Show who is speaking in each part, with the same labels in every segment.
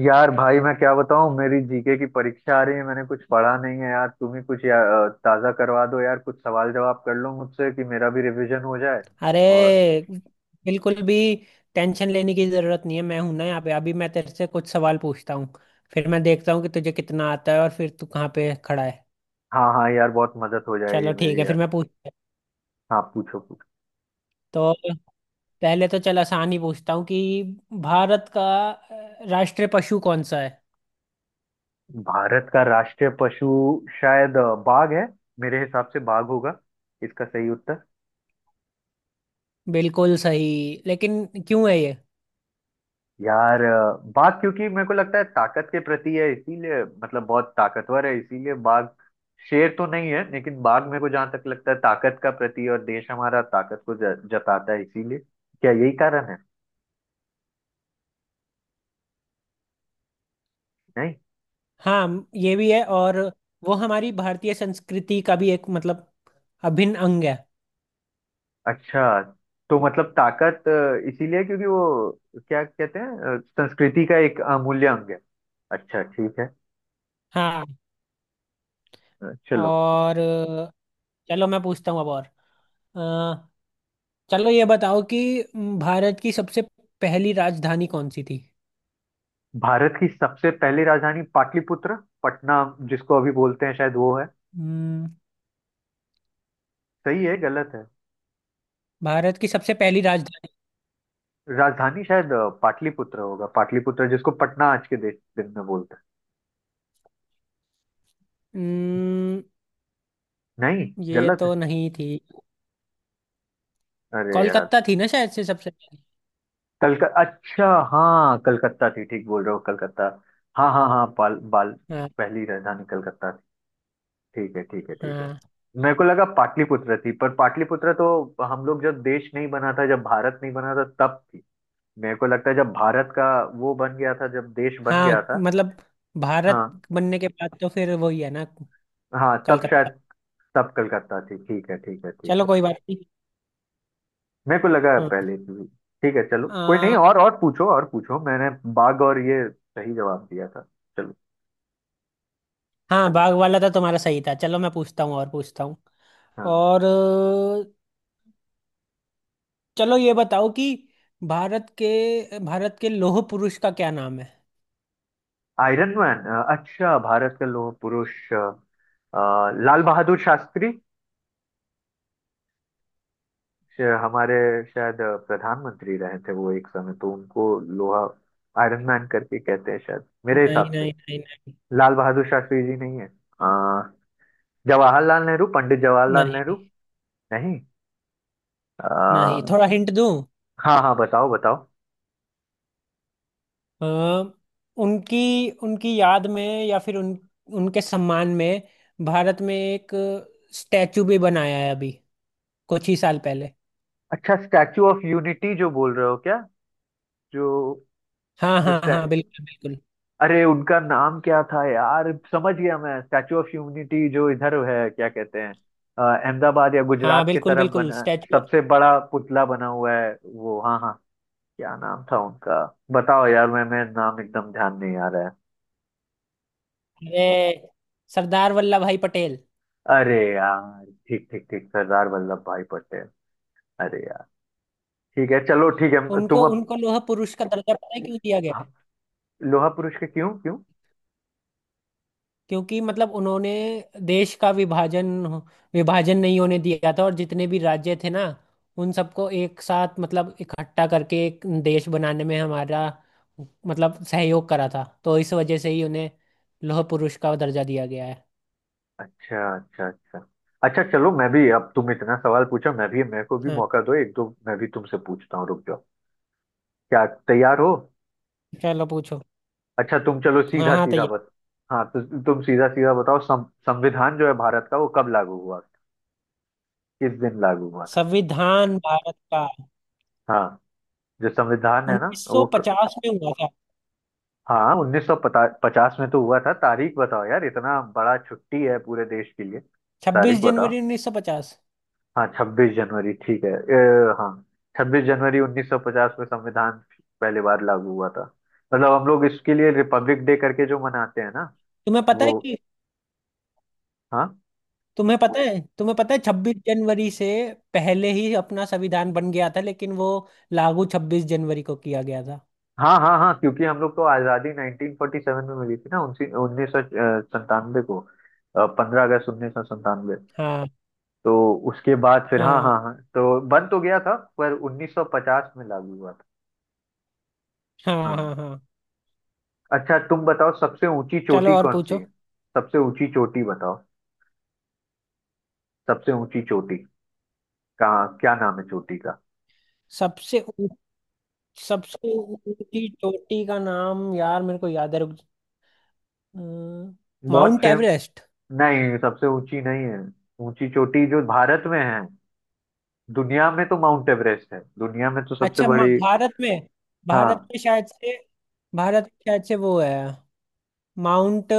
Speaker 1: यार भाई मैं क्या बताऊं? मेरी जीके की परीक्षा आ रही है, मैंने कुछ पढ़ा नहीं है यार। तुम ही कुछ ताज़ा करवा दो यार। कुछ सवाल जवाब कर लो मुझसे कि मेरा भी रिवीजन हो जाए।
Speaker 2: अरे
Speaker 1: और
Speaker 2: बिल्कुल भी टेंशन लेने की जरूरत नहीं है। मैं हूं ना यहाँ पे। अभी मैं तेरे से कुछ सवाल पूछता हूँ, फिर मैं देखता हूँ कि तुझे कितना आता है और फिर तू कहाँ पे खड़ा है।
Speaker 1: हाँ हाँ यार, बहुत मदद हो जाएगी
Speaker 2: चलो ठीक
Speaker 1: मेरी
Speaker 2: है फिर
Speaker 1: यार।
Speaker 2: मैं पूछता हूँ।
Speaker 1: हाँ पूछो पूछो।
Speaker 2: तो पहले तो चल आसान ही पूछता हूँ कि भारत का राष्ट्रीय पशु कौन सा है?
Speaker 1: भारत का राष्ट्रीय पशु शायद बाघ है। मेरे हिसाब से बाघ होगा। इसका सही उत्तर।
Speaker 2: बिल्कुल सही, लेकिन क्यों है ये?
Speaker 1: यार बाघ, क्योंकि मेरे को लगता है ताकत के प्रति है इसीलिए, मतलब बहुत ताकतवर है इसीलिए बाघ। शेर तो नहीं है लेकिन बाघ। मेरे को जहां तक लगता है ताकत का प्रति है, और देश हमारा ताकत को जताता है इसीलिए। क्या यही कारण है? नहीं।
Speaker 2: हाँ ये भी है, और वो हमारी भारतीय संस्कृति का भी एक मतलब अभिन्न अंग है।
Speaker 1: अच्छा। तो मतलब ताकत इसीलिए, क्योंकि वो क्या कहते हैं संस्कृति का एक अमूल्य अंग है। अच्छा ठीक है।
Speaker 2: हाँ।
Speaker 1: चलो।
Speaker 2: और चलो मैं पूछता हूँ अब। और चलो ये बताओ कि भारत की सबसे पहली राजधानी कौन सी थी?
Speaker 1: भारत की सबसे पहली राजधानी पाटलिपुत्र, पटना जिसको अभी बोलते हैं, शायद वो है।
Speaker 2: हम्म,
Speaker 1: सही है गलत है?
Speaker 2: भारत की सबसे पहली राजधानी।
Speaker 1: राजधानी शायद पाटलिपुत्र होगा, पाटलिपुत्र जिसको पटना आज के दिन में बोलते हैं।
Speaker 2: हम्म,
Speaker 1: नहीं।
Speaker 2: ये
Speaker 1: गलत है।
Speaker 2: तो नहीं थी।
Speaker 1: अरे यार।
Speaker 2: कोलकाता थी ना शायद से सबसे पहली।
Speaker 1: कलक अच्छा। हाँ कलकत्ता थी, ठीक बोल रहे हो कलकत्ता। हाँ हाँ हाँ, पाल बाल।
Speaker 2: हाँ
Speaker 1: पहली राजधानी कलकत्ता थी। ठीक है ठीक है ठीक है।
Speaker 2: हाँ
Speaker 1: मेरे को लगा पाटलिपुत्र थी, पर पाटलिपुत्र तो हम लोग जब देश नहीं बना था, जब भारत नहीं बना था तब थी। मेरे को लगता है जब भारत का वो बन गया था, जब देश बन गया
Speaker 2: हाँ।
Speaker 1: था।
Speaker 2: मतलब भारत
Speaker 1: हाँ।
Speaker 2: बनने के बाद तो फिर वही है ना,
Speaker 1: हाँ तब शायद।
Speaker 2: कलकत्ता।
Speaker 1: तब कलकत्ता थी। ठीक है ठीक है ठीक
Speaker 2: चलो
Speaker 1: है
Speaker 2: कोई
Speaker 1: ठीक।
Speaker 2: बात नहीं।
Speaker 1: मेरे को लगा
Speaker 2: हाँ।
Speaker 1: पहले से भी। ठीक है चलो कोई नहीं,
Speaker 2: आ,
Speaker 1: और और पूछो और पूछो। मैंने बाघ और ये सही जवाब दिया था। चलो।
Speaker 2: हाँ बाघ वाला तो तुम्हारा सही था। चलो मैं पूछता हूँ और पूछता हूँ।
Speaker 1: हाँ।
Speaker 2: और चलो ये बताओ कि भारत के लौह पुरुष का क्या नाम है?
Speaker 1: Iron man. अच्छा, भारत के लोह पुरुष अ, लाल बहादुर शास्त्री। हमारे शायद प्रधानमंत्री रहे थे वो एक समय, तो उनको लोहा आयरन मैन करके कहते हैं शायद, मेरे
Speaker 2: नहीं
Speaker 1: हिसाब से।
Speaker 2: नहीं नहीं नहीं
Speaker 1: लाल बहादुर शास्त्री जी नहीं है? जवाहरलाल नेहरू, पंडित जवाहरलाल नेहरू।
Speaker 2: नहीं।
Speaker 1: नहीं।
Speaker 2: नहीं,
Speaker 1: अ,
Speaker 2: थोड़ा हिंट दूं?
Speaker 1: हाँ हाँ बताओ बताओ।
Speaker 2: अ, उनकी उनकी याद में या फिर उन उनके सम्मान में भारत में एक स्टैचू भी बनाया है अभी कुछ ही साल पहले।
Speaker 1: अच्छा स्टैचू ऑफ यूनिटी जो बोल रहे हो क्या? जो
Speaker 2: हाँ
Speaker 1: जो
Speaker 2: हाँ
Speaker 1: स्टै...
Speaker 2: हाँ बिल्कुल बिल्कुल।
Speaker 1: अरे उनका नाम क्या था यार। समझ गया मैं, स्टैचू ऑफ यूनिटी जो इधर है क्या कहते हैं, अहमदाबाद या
Speaker 2: हाँ
Speaker 1: गुजरात के
Speaker 2: बिल्कुल
Speaker 1: तरफ
Speaker 2: बिल्कुल,
Speaker 1: बना।
Speaker 2: Statue of-.
Speaker 1: सबसे बड़ा पुतला बना हुआ है वो। हाँ हाँ। क्या नाम था उनका? बताओ यार, मैं नाम एकदम ध्यान नहीं आ रहा है।
Speaker 2: अरे, सरदार वल्लभ भाई पटेल।
Speaker 1: अरे यार ठीक ठीक ठीक, सरदार वल्लभ भाई पटेल। अरे यार। ठीक है चलो ठीक है तुम
Speaker 2: उनको
Speaker 1: अब।
Speaker 2: उनको लोह पुरुष का दर्जा पता है क्यों दिया गया?
Speaker 1: हाँ, लोहा पुरुष के क्यों क्यों?
Speaker 2: क्योंकि मतलब उन्होंने देश का विभाजन विभाजन नहीं होने दिया था, और जितने भी राज्य थे ना, उन सबको एक साथ मतलब इकट्ठा करके एक देश बनाने में हमारा मतलब सहयोग करा था। तो इस वजह से ही उन्हें लौह पुरुष का दर्जा दिया गया है।
Speaker 1: अच्छा अच्छा अच्छा। अच्छा चलो मैं भी अब, तुम इतना सवाल पूछा, मैं भी, मेरे को भी
Speaker 2: हाँ,
Speaker 1: मौका दो एक दो, मैं भी तुमसे पूछता हूँ। रुक जाओ, क्या तैयार हो?
Speaker 2: चलो पूछो।
Speaker 1: अच्छा तुम चलो
Speaker 2: हाँ
Speaker 1: सीधा
Speaker 2: हाँ
Speaker 1: सीधा
Speaker 2: तैयार।
Speaker 1: बस। हाँ तो तुम सीधा सीधा बताओ, संविधान जो है भारत का वो कब लागू हुआ? किस दिन लागू हुआ था?
Speaker 2: संविधान भारत का
Speaker 1: हाँ, जो संविधान है ना वो
Speaker 2: 1950 में हुआ था।
Speaker 1: हाँ उन्नीस सौ पचास में तो हुआ था। तारीख बताओ यार, इतना बड़ा छुट्टी है पूरे देश के लिए। तारीख
Speaker 2: 26
Speaker 1: बताओ।
Speaker 2: जनवरी 1950।
Speaker 1: हाँ छब्बीस जनवरी ठीक है, हाँ। 26 जनवरी 1950 में संविधान पहली बार लागू हुआ था। मतलब हम लोग इसके लिए रिपब्लिक डे करके जो मनाते हैं ना
Speaker 2: तुम्हें पता
Speaker 1: वो।
Speaker 2: है कि
Speaker 1: हाँ
Speaker 2: तुम्हें पता है छब्बीस जनवरी से पहले ही अपना संविधान बन गया था, लेकिन वो लागू छब्बीस जनवरी को किया गया था।
Speaker 1: हाँ हाँ हाँ, क्योंकि हम लोग को आज़ादी 1947 में मिली थी ना, 1997 को। 15 अगस्त 1997।
Speaker 2: हाँ
Speaker 1: तो उसके बाद फिर हाँ
Speaker 2: हाँ
Speaker 1: हाँ हाँ, तो बंद तो गया था, पर 1950 में लागू हुआ था।
Speaker 2: हाँ।
Speaker 1: हाँ।
Speaker 2: हाँ हाँ।
Speaker 1: अच्छा तुम बताओ, सबसे ऊंची
Speaker 2: चलो
Speaker 1: चोटी
Speaker 2: और
Speaker 1: कौन सी
Speaker 2: पूछो।
Speaker 1: है? सबसे ऊंची चोटी बताओ। सबसे ऊंची चोटी। कहाँ, क्या नाम है चोटी का?
Speaker 2: सबसे ऊ-, सबसे ऊंची चोटी का नाम यार मेरे को याद है, रुक। अम,
Speaker 1: बहुत
Speaker 2: माउंट
Speaker 1: फेम।
Speaker 2: एवरेस्ट।
Speaker 1: नहीं सबसे ऊंची नहीं है। ऊंची चोटी जो भारत में है। दुनिया में तो माउंट एवरेस्ट है, दुनिया में तो सबसे
Speaker 2: अच्छा, मा-
Speaker 1: बड़ी।
Speaker 2: भारत में। भारत
Speaker 1: हाँ
Speaker 2: में शायद से भारत में शायद से वो है, माउंट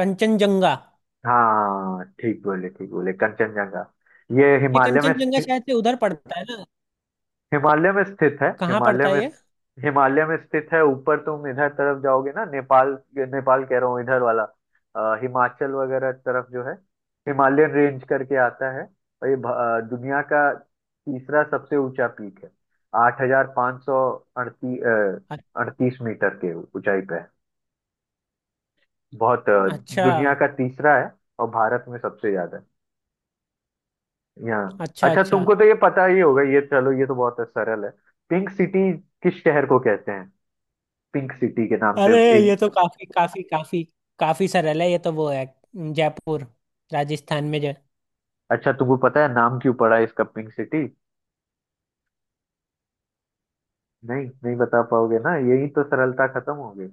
Speaker 2: कंचनजंगा।
Speaker 1: हाँ। हाँ, ठीक बोले ठीक बोले, कंचनजंगा। ये
Speaker 2: ये
Speaker 1: हिमालय में
Speaker 2: कंचनजंगा
Speaker 1: स्थित।
Speaker 2: शायद से उधर पड़ता है ना?
Speaker 1: हिमालय में स्थित है,
Speaker 2: कहाँ
Speaker 1: हिमालय
Speaker 2: पड़ता है
Speaker 1: में।
Speaker 2: ये?
Speaker 1: हिमालय में स्थित है। ऊपर तुम इधर तरफ जाओगे ना नेपाल, नेपाल कह रहा हूँ इधर वाला, हिमाचल वगैरह तरफ जो है, हिमालयन रेंज करके आता है। और ये दुनिया का तीसरा सबसे ऊंचा पीक है। आठ हजार पाँच सौ अड़ती
Speaker 2: अ-
Speaker 1: अड़तीस मीटर के ऊंचाई पे है। बहुत
Speaker 2: अच्छा
Speaker 1: दुनिया का तीसरा है, और भारत में सबसे ज्यादा है यहाँ।
Speaker 2: अच्छा
Speaker 1: अच्छा
Speaker 2: अच्छा।
Speaker 1: तुमको तो ये पता ही होगा ये, चलो ये तो बहुत सरल है। पिंक सिटी किस शहर को कहते हैं, पिंक सिटी के नाम से?
Speaker 2: अरे, ये
Speaker 1: एक।
Speaker 2: तो काफी काफी काफी काफी सरल है। ये तो वो है, जयपुर, राजस्थान में जो।
Speaker 1: अच्छा तुमको पता है नाम क्यों पड़ा है इसका पिंक सिटी? नहीं नहीं बता पाओगे ना, यही तो सरलता खत्म हो गई।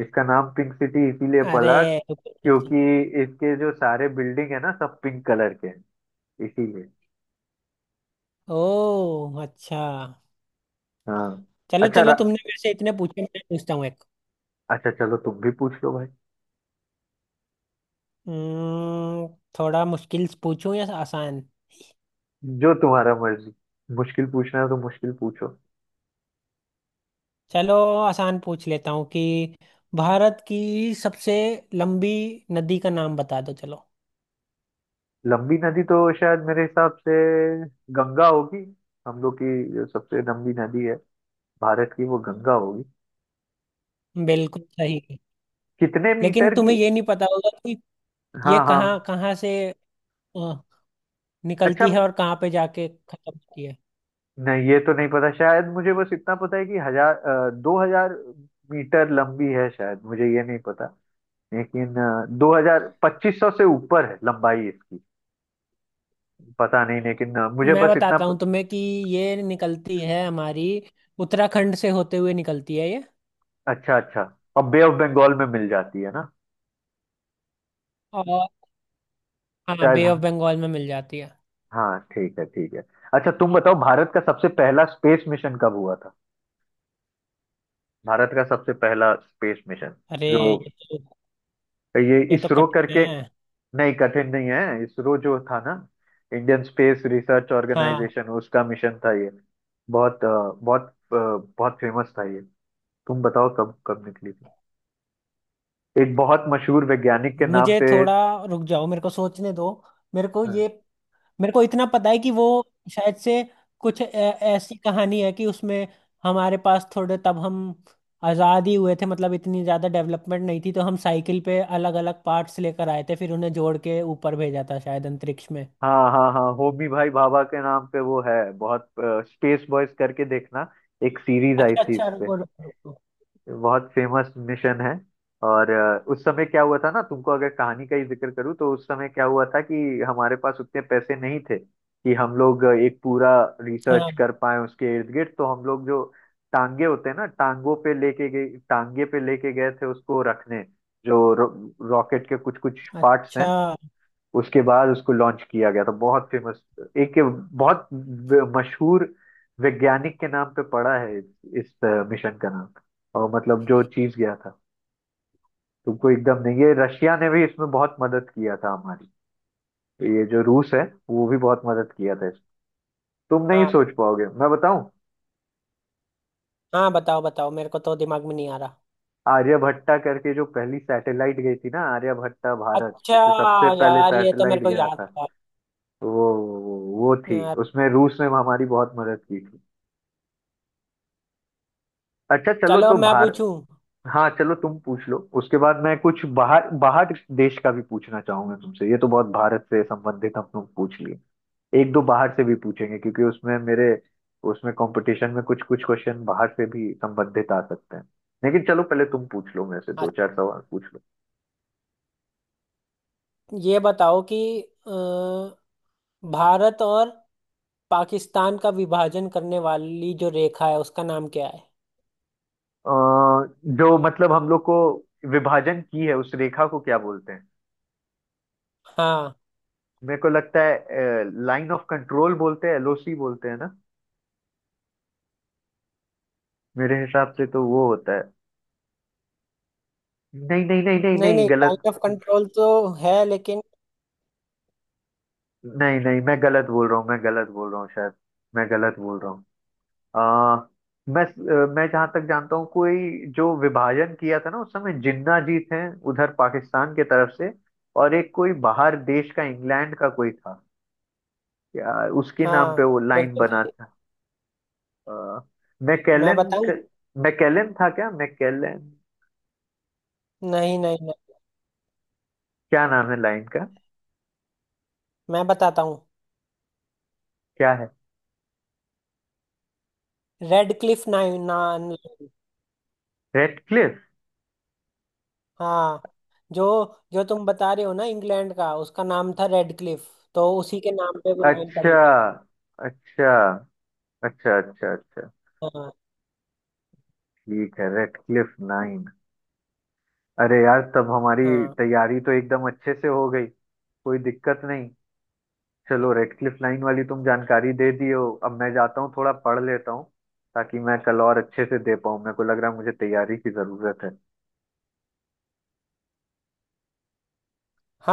Speaker 1: इसका नाम पिंक सिटी इसीलिए
Speaker 2: अरे।
Speaker 1: पड़ा क्योंकि इसके जो सारे बिल्डिंग है ना सब पिंक कलर के हैं, इसीलिए।
Speaker 2: ओ, अच्छा।
Speaker 1: हाँ।
Speaker 2: चलो
Speaker 1: अच्छा
Speaker 2: चलो,
Speaker 1: रा...
Speaker 2: तुमने मेरे से इतने पूछे, मैं पूछता हूँ एक।
Speaker 1: अच्छा चलो तुम भी पूछ लो भाई।
Speaker 2: हम्म, थोड़ा मुश्किल पूछूं या आसान?
Speaker 1: जो तुम्हारा मर्जी। मुश्किल पूछना है तो मुश्किल पूछो।
Speaker 2: चलो आसान पूछ लेता हूँ कि भारत की सबसे लंबी नदी का नाम बता दो चलो।
Speaker 1: लंबी नदी तो शायद मेरे हिसाब से गंगा होगी। हम लोग की जो सबसे लंबी नदी है भारत की वो गंगा होगी।
Speaker 2: बिल्कुल सही।
Speaker 1: कितने
Speaker 2: लेकिन
Speaker 1: मीटर की?
Speaker 2: तुम्हें ये नहीं पता होगा कि ये
Speaker 1: हाँ हाँ।
Speaker 2: कहाँ कहाँ से
Speaker 1: अच्छा।
Speaker 2: निकलती है और कहाँ पे जाके खत्म होती है।
Speaker 1: नहीं ये तो नहीं पता। शायद मुझे बस इतना पता है कि हजार 2000 मीटर लंबी है शायद, मुझे ये नहीं पता। लेकिन 2000 2500 से ऊपर है लंबाई इसकी। पता नहीं लेकिन मुझे
Speaker 2: मैं
Speaker 1: बस इतना
Speaker 2: बताता हूँ तुम्हें कि ये निकलती है हमारी उत्तराखंड से होते हुए निकलती है ये।
Speaker 1: अच्छा अच्छा। और बे ऑफ बंगाल में मिल जाती है ना?
Speaker 2: और हाँ,
Speaker 1: शायद
Speaker 2: बे ऑफ
Speaker 1: हाँ।
Speaker 2: बंगाल में मिल जाती है।
Speaker 1: हाँ ठीक है ठीक है। अच्छा तुम बताओ, भारत का सबसे पहला स्पेस मिशन कब हुआ था? भारत का सबसे पहला स्पेस मिशन
Speaker 2: अरे
Speaker 1: जो
Speaker 2: ये तो,
Speaker 1: ये
Speaker 2: ये तो
Speaker 1: इसरो
Speaker 2: कठिन
Speaker 1: करके।
Speaker 2: है।
Speaker 1: नहीं कठिन नहीं है, इसरो जो था ना, इंडियन स्पेस रिसर्च
Speaker 2: हाँ,
Speaker 1: ऑर्गेनाइजेशन, उसका मिशन था ये। बहुत अ, बहुत बहुत फेमस था ये। तुम बताओ कब कब निकली थी? एक बहुत मशहूर वैज्ञानिक के नाम
Speaker 2: मुझे
Speaker 1: पे।
Speaker 2: थोड़ा। रुक जाओ मेरे को सोचने दो। मेरे को ये मेरे को इतना पता है कि वो शायद से कुछ ऐसी कहानी है कि उसमें हमारे पास थोड़े, तब हम आज़ाद ही हुए थे, मतलब इतनी ज़्यादा डेवलपमेंट नहीं थी, तो हम साइकिल पे अलग अलग पार्ट्स लेकर आए थे फिर उन्हें जोड़ के ऊपर भेजा था शायद अंतरिक्ष में।
Speaker 1: हाँ हाँ हाँ, होमी भाई भाभा के नाम पे वो है। बहुत, स्पेस बॉयज करके देखना, एक सीरीज आई
Speaker 2: अच्छा
Speaker 1: थी
Speaker 2: अच्छा,
Speaker 1: इस पे।
Speaker 2: रुको रुको रुको।
Speaker 1: बहुत फेमस मिशन है। और उस समय क्या हुआ था ना, तुमको अगर कहानी का ही जिक्र करूँ, तो उस समय क्या हुआ था कि हमारे पास उतने पैसे नहीं थे कि हम लोग एक पूरा रिसर्च
Speaker 2: हाँ।
Speaker 1: कर पाए उसके इर्द गिर्द। तो हम लोग जो टांगे होते हैं ना टांगों पे लेके गए, टांगे पे लेके गए थे उसको रखने, जो रॉकेट के कुछ कुछ पार्ट्स हैं।
Speaker 2: अच्छा।
Speaker 1: उसके बाद उसको लॉन्च किया गया था। बहुत फेमस एक बहुत मशहूर वैज्ञानिक के नाम पे पड़ा है इस मिशन का नाम। और मतलब जो चीज गया था, तुमको एकदम नहीं, ये रशिया ने भी इसमें बहुत मदद किया था हमारी। तो ये जो रूस है वो भी बहुत मदद किया था इसमें। तुम नहीं
Speaker 2: हाँ
Speaker 1: सोच पाओगे, मैं बताऊं।
Speaker 2: हाँ बताओ बताओ, मेरे को तो दिमाग में नहीं आ रहा।
Speaker 1: आर्यभट्टा करके जो पहली सैटेलाइट गई थी ना, आर्यभट्टा भारत
Speaker 2: अच्छा,
Speaker 1: से सबसे पहले
Speaker 2: यार ये तो
Speaker 1: सैटेलाइट
Speaker 2: मेरे को
Speaker 1: गया
Speaker 2: याद
Speaker 1: था।
Speaker 2: था।
Speaker 1: वो वो वो थी।
Speaker 2: यार।
Speaker 1: उसमें रूस ने हमारी बहुत मदद की थी। अच्छा चलो
Speaker 2: चलो
Speaker 1: तो
Speaker 2: अब मैं
Speaker 1: भार।
Speaker 2: पूछूं।
Speaker 1: हाँ चलो तुम पूछ लो, उसके बाद मैं कुछ बाहर बाहर देश का भी पूछना चाहूंगा तुमसे। ये तो बहुत भारत से संबंधित हम लोग पूछ लिए। एक दो बाहर से भी पूछेंगे, क्योंकि उसमें मेरे, उसमें कंपटीशन में कुछ कुछ क्वेश्चन बाहर से भी संबंधित आ सकते हैं। लेकिन चलो पहले तुम पूछ लो, मेरे से दो
Speaker 2: अच्छा,
Speaker 1: चार सवाल पूछ लो।
Speaker 2: ये बताओ कि अ, भारत और पाकिस्तान का विभाजन करने वाली जो रेखा है उसका नाम क्या है?
Speaker 1: अ, जो मतलब हम लोग को विभाजन की है, उस रेखा को क्या बोलते हैं?
Speaker 2: हाँ।
Speaker 1: मेरे को लगता है लाइन ऑफ कंट्रोल बोलते हैं, एलओसी बोलते हैं ना, मेरे हिसाब से तो वो होता है। नहीं नहीं नहीं नहीं
Speaker 2: नहीं
Speaker 1: नहीं,
Speaker 2: नहीं,
Speaker 1: गलत।
Speaker 2: पॉइंट ऑफ कंट्रोल तो है, लेकिन।
Speaker 1: नहीं नहीं मैं गलत बोल रहा हूँ, मैं गलत बोल रहा हूँ शायद, मैं गलत बोल रहा हूँ। आ, मैं मैं जहां तक जानता हूँ, कोई जो विभाजन किया था ना उस समय, जिन्ना जी थे उधर पाकिस्तान के तरफ से, और एक कोई बाहर देश का, इंग्लैंड का कोई था, या उसके नाम
Speaker 2: हाँ
Speaker 1: पे वो लाइन बना
Speaker 2: बिल्कुल।
Speaker 1: था। आ,
Speaker 2: मैं
Speaker 1: मैकेलन
Speaker 2: बताऊं?
Speaker 1: क- मैकेलन था क्या, मैकेलन?
Speaker 2: नहीं नहीं नहीं,
Speaker 1: क्या नाम है लाइन का?
Speaker 2: मैं बताता हूँ।
Speaker 1: क्या है?
Speaker 2: रेड क्लिफ नाइन नान।
Speaker 1: रेडक्लिफ।
Speaker 2: हाँ। जो, जो तुम बता रहे हो ना इंग्लैंड का, उसका नाम था रेड क्लिफ। तो उसी के नाम पे वो लाइन पड़ी
Speaker 1: अच्छा
Speaker 2: थी।
Speaker 1: अच्छा अच्छा, अच्छा अच्छा।
Speaker 2: हाँ
Speaker 1: ठीक है रेडक्लिफ लाइन। अरे यार तब हमारी
Speaker 2: हाँ
Speaker 1: तैयारी तो एकदम अच्छे से हो गई, कोई दिक्कत नहीं। चलो रेडक्लिफ लाइन वाली तुम जानकारी दे दिए हो, अब मैं जाता हूँ थोड़ा पढ़ लेता हूँ, ताकि मैं कल और अच्छे से दे पाऊँ। मेरे को लग रहा है मुझे तैयारी की जरूरत है।
Speaker 2: हाँ।